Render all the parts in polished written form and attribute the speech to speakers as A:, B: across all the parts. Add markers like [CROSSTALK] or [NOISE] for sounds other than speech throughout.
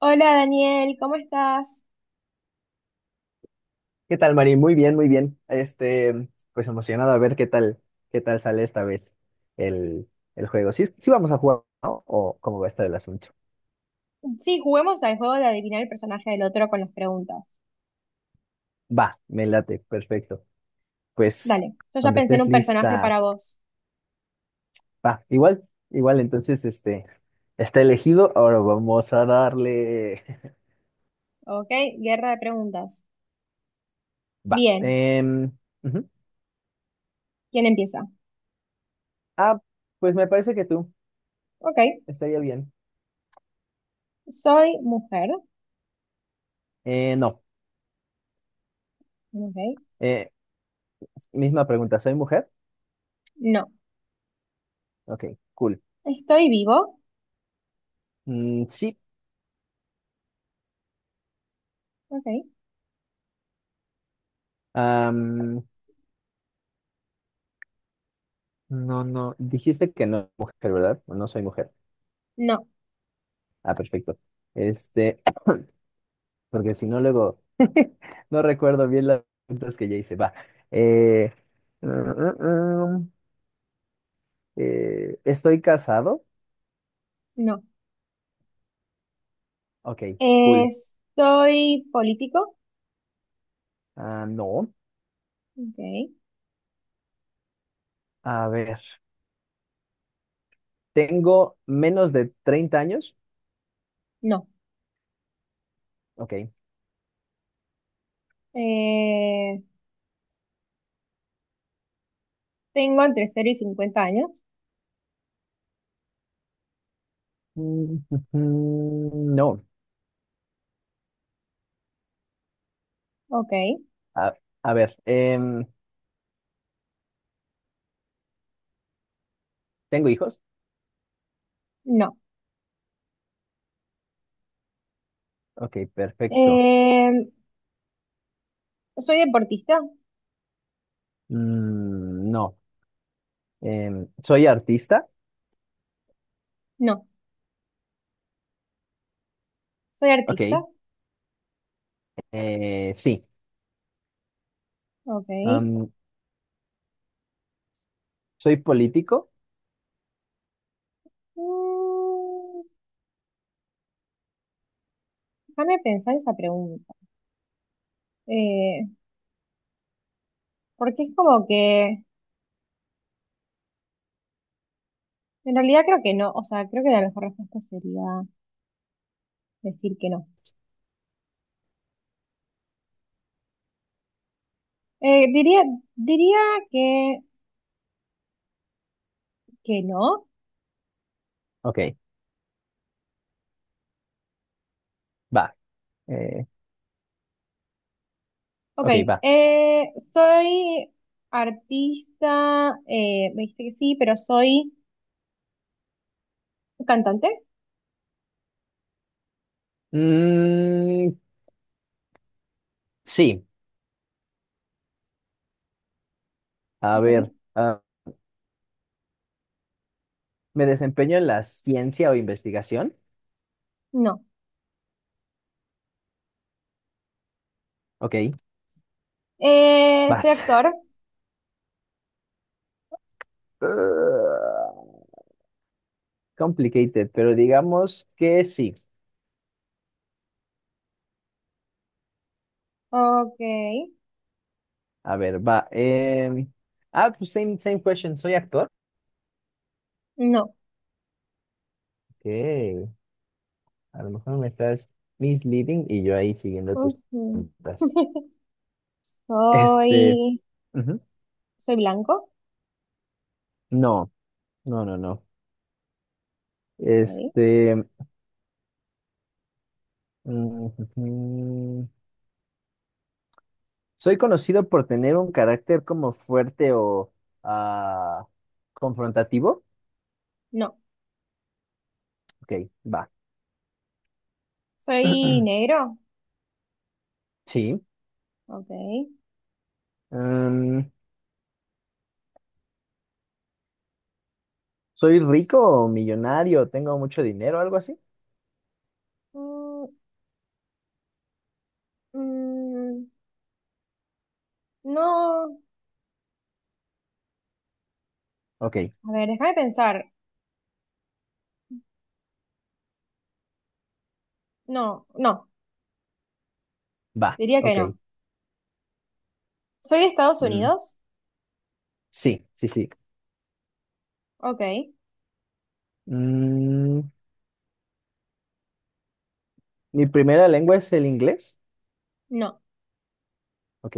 A: Hola Daniel, ¿cómo estás?
B: ¿Qué tal, Mari? Muy bien, muy bien. Pues emocionado a ver qué tal sale esta vez el, el juego. Sí, sí vamos a jugar, ¿no? ¿O cómo va a estar el asunto?
A: Sí, juguemos al juego de adivinar el personaje del otro con las preguntas.
B: Va, me late, perfecto. Pues
A: Dale, yo ya
B: cuando
A: pensé en
B: estés
A: un personaje
B: lista,
A: para vos.
B: va, igual, entonces, está elegido, ahora vamos a darle. [LAUGHS]
A: Ok, guerra de preguntas.
B: Va.
A: Bien,
B: Ujú.
A: ¿quién empieza?
B: Ah, pues me parece que tú,
A: Ok,
B: estaría bien.
A: soy mujer.
B: No,
A: Ok,
B: eh, misma pregunta, ¿soy mujer?
A: no.
B: Ok, cool.
A: ¿Estoy vivo?
B: Mm, sí.
A: Ok,
B: No, no, dijiste que no mujer, ¿verdad? No soy mujer.
A: no,
B: Ah, perfecto. Este, porque si no, luego [LAUGHS] no recuerdo bien las preguntas que ya hice. Va. Eh, mm, mm, mm, ¿Estoy casado?
A: no.
B: Ok,
A: Eh,
B: cool.
A: ¿Soy político?
B: Ah, no.
A: Ok,
B: A ver. ¿Tengo menos de 30 años?
A: no.
B: Ok.
A: Eh, ¿Tengo entre 0 y 50 años?
B: Mm, No.
A: Ok,
B: A, a ver. ¿Tengo hijos?
A: no.
B: Ok, perfecto.
A: Eh, ¿Soy deportista?
B: Mm, no. ¿Soy artista?
A: No. ¿Soy
B: Ok,
A: artista?
B: sí.
A: Ok.
B: Am, ¿Soy político?
A: Mm, déjame pensar esa pregunta. Eh, porque es como que, en realidad creo que no, o sea, creo que la mejor respuesta sería decir que no. Diría, diría que, que no.
B: Ok, va. eh,
A: Ok,
B: ok, va.
A: soy artista, me dijiste que sí, pero soy cantante.
B: Mm, sí, a
A: Ok.
B: ver. ¿Me desempeño en la ciencia o investigación?
A: No.
B: Ok,
A: Soy
B: vas. [LAUGHS]
A: actor.
B: Ah, complicated, pero digamos que sí.
A: Ok.
B: A ver, va. Pues same question. ¿Soy actor?
A: No.
B: Ok, a lo mejor me estás misleading y yo ahí siguiendo tus
A: Ujú.
B: preguntas.
A: [LAUGHS]
B: Este,
A: Soy,
B: ujú,
A: soy blanco,
B: No, no, no, no.
A: ok.
B: Este, mm, soy conocido por tener un carácter como fuerte o ah, confrontativo.
A: No,
B: Ok, va.
A: soy
B: [CLEARS THROAT]
A: negro,
B: Sí.
A: ok.
B: Mm, soy rico o millonario, tengo mucho dinero, o algo así.
A: Mm, mm, no,
B: Ok,
A: a ver, déjame pensar. No, no,
B: va.
A: diría que
B: Ok.
A: no. Soy de Estados
B: Mm,
A: Unidos,
B: sí, sí, sí.
A: ok.
B: Mm, mi primera lengua es el inglés.
A: No,
B: Ok,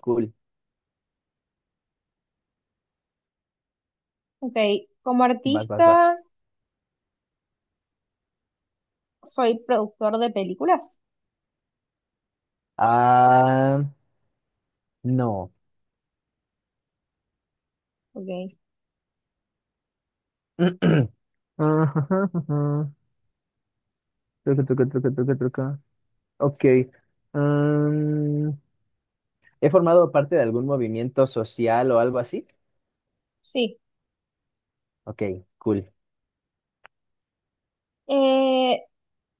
B: cool.
A: ok. Como
B: Vas, vas, vas.
A: artista, soy productor de películas,
B: Ah, no.
A: ok.
B: [CLEARS THROAT] [LAUGHS] Truca, truca, truca, truca, truca. Ok. Mm, ¿he formado parte de algún movimiento social o algo así?
A: Sí.
B: Ok, cool.
A: Eh,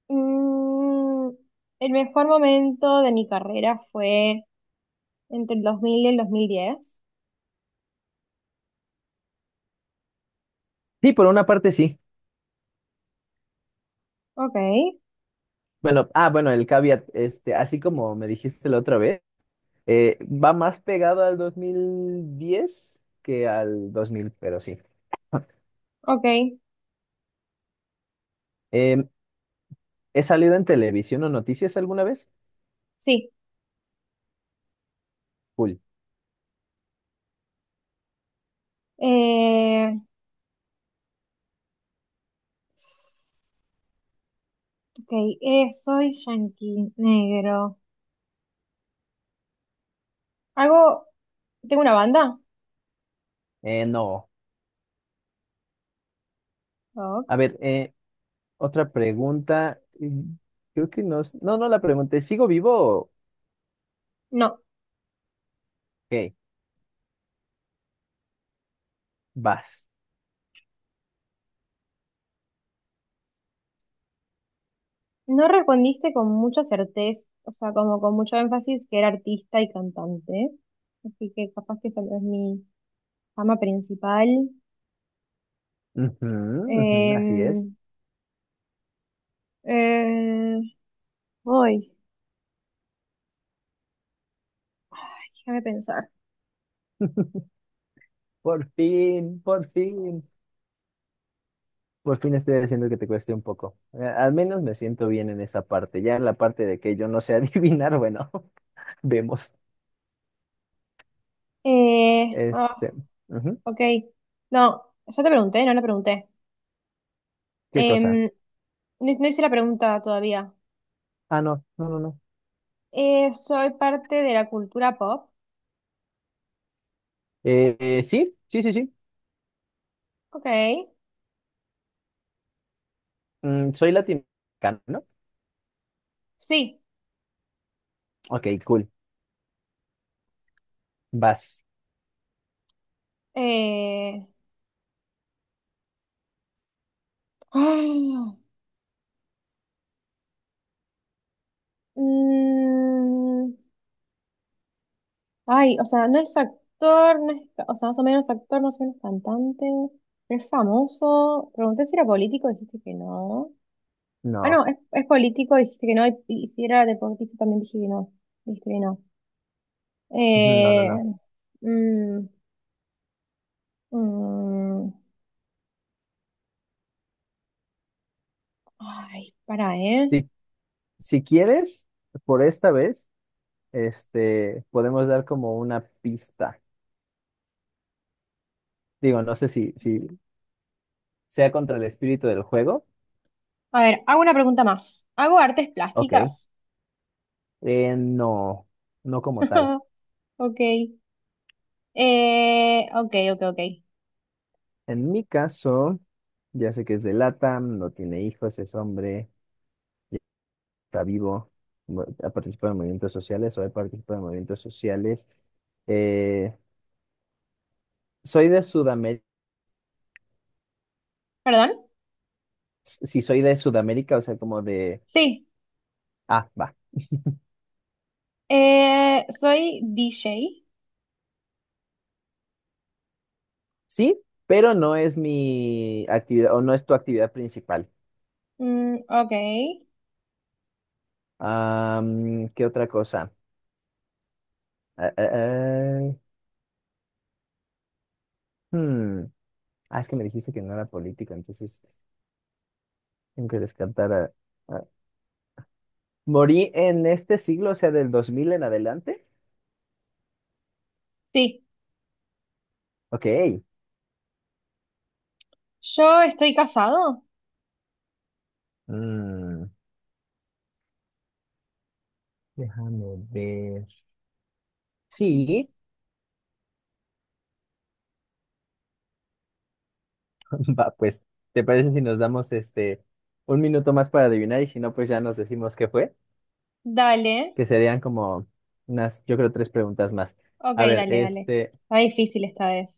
A: mm, el mejor momento de mi carrera fue entre el 2000 y el 2010
B: Sí, por una parte sí.
A: ok.
B: Bueno, bueno, el caveat, este, así como me dijiste la otra vez, va más pegado al 2010 que al 2000, pero sí.
A: Ok,
B: Em, ¿He salido en televisión o noticias alguna vez?
A: sí.
B: Cool.
A: Eh, ok, soy yankee negro. ¿Hago, ¿tengo una banda?
B: No.
A: Ok.
B: A ver, otra pregunta. Mm, Creo que no. No, no la pregunté. ¿Sigo vivo? o-
A: No,
B: Ok, vas.
A: no respondiste con mucha certeza, o sea, como con mucho énfasis que era artista y cantante. Así que capaz que esa no es mi fama principal.
B: Ujú, ujú, así es.
A: Em, eh, voy, déjame pensar.
B: Por fin, por fin, por fin estoy haciendo que te cueste un poco. Al menos me siento bien en esa parte. Ya en la parte de que yo no sé [LAUGHS] adivinar, bueno, [LAUGHS] vemos.
A: Eh, ah,
B: Este, ujú,
A: ok, no, ya te pregunté, no le pregunté.
B: ¿Qué
A: Em,
B: cosa?
A: no, no hice la pregunta todavía.
B: Ah, no, no, no, no.
A: Soy parte de la cultura pop.
B: Sí, sí, sí, sí.
A: Ok.
B: Mm, soy latinoamericano, ¿no?
A: Sí.
B: Ok, cool. Vas.
A: Eh, ay, mm, o sea, no es actor, no es, o sea, más o menos actor, más o menos cantante. Pero es famoso. Pregunté si era político, dijiste que no. Ah,
B: No,
A: no, es político, dijiste que no. Y si era deportista, también dije que no. Dijiste que no.
B: no, no,
A: Eh,
B: no.
A: mm, mm, ay, para, ¿eh?
B: Si, si quieres, por esta vez, podemos dar como una pista. Digo, no sé si, si, sea contra el espíritu del juego.
A: A ver, hago una pregunta más. ¿Hago artes
B: Ok.
A: plásticas?
B: No, no como tal.
A: [LAUGHS] Ok. Ok, ok, ok.
B: En mi caso, ya sé que es de LATAM, no tiene hijos, es hombre, ya está vivo, ha participado en movimientos sociales o he participado en movimientos sociales. Eh, soy de Sudamérica,
A: ¿Perdón?
B: si soy de Sudamérica, o sea, como de,
A: Sí.
B: va.
A: Soy DJ.
B: Sí, pero no es mi actividad o no es tu actividad principal.
A: Mm, ok.
B: ¿Qué otra cosa? Eh, eh, eh, hmm, Ah, es que me dijiste que no era político, entonces tengo que descartar a- ¿Morí en este siglo, o sea, del 2000 en adelante?
A: Sí.
B: Ok.
A: ¿Yo estoy casado?
B: Mm, déjame ver. Sí, [LAUGHS] va, pues, ¿te parece si nos damos un minuto más para adivinar y si no, pues ya nos decimos qué fue?
A: Dale.
B: Que serían como unas, yo creo, tres preguntas más.
A: Ok,
B: A ver,
A: dale, dale.
B: este,
A: Está difícil esta vez.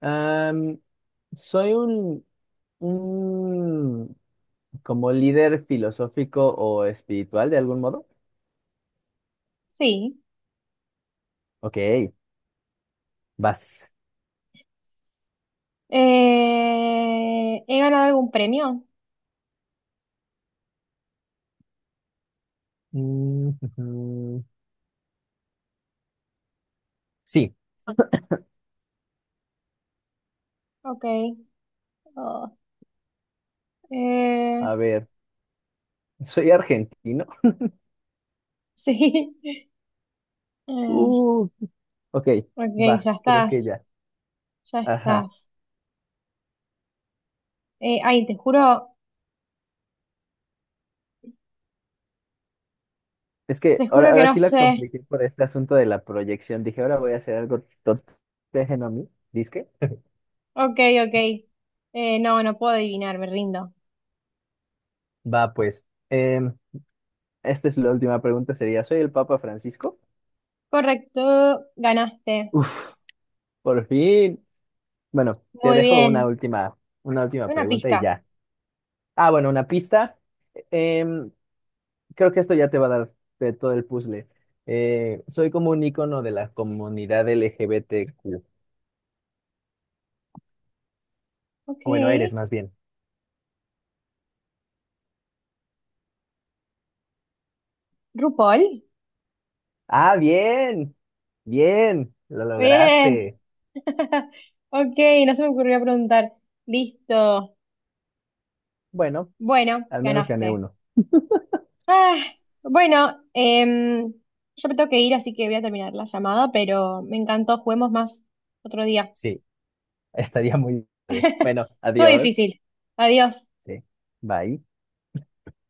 B: am, soy un como líder filosófico o espiritual de algún modo.
A: Sí.
B: Ok, vas.
A: ¿He ganado algún premio?
B: Mm, ujú. Sí,
A: Ok. Oh,
B: a
A: eh,
B: ver, soy argentino.
A: sí. [LAUGHS] Eh,
B: Uh, ok,
A: ok,
B: va,
A: ya
B: creo que
A: estás.
B: ya.
A: Ya
B: Ajá.
A: estás. Eh, ay, te juro,
B: Es que
A: te juro que
B: ahora
A: no
B: sí la
A: sé.
B: compliqué por este asunto de la proyección. Dije, ahora voy a hacer algo totéjeno a mí. ¿Disque?
A: Ok, ok. No, no puedo adivinar, me rindo.
B: Va, pues. Esta es la última pregunta, sería, ¿soy el Papa Francisco?
A: Correcto, ganaste.
B: Uf, por fin. Bueno, te
A: Muy
B: dejo
A: bien.
B: una última
A: Una
B: pregunta y
A: pista.
B: ya. Ah, bueno, una pista. Em, Creo que esto ya te va a dar de todo el puzzle. Soy como un icono de la comunidad LGBTQ.
A: Ok.
B: Bueno, eres más bien.
A: RuPaul.
B: Ah, bien, lo
A: Bien.
B: lograste.
A: [LAUGHS] Ok, no se me ocurrió preguntar. Listo.
B: Bueno,
A: Bueno,
B: al menos gané
A: ganaste.
B: uno.
A: Ah, bueno, yo me tengo que ir, así que voy a terminar la llamada, pero me encantó. Juguemos más otro día.
B: Sí, [LAUGHS] estaría muy bien. Bueno,
A: Todo
B: adiós.
A: difícil. Adiós.
B: Sí, bye.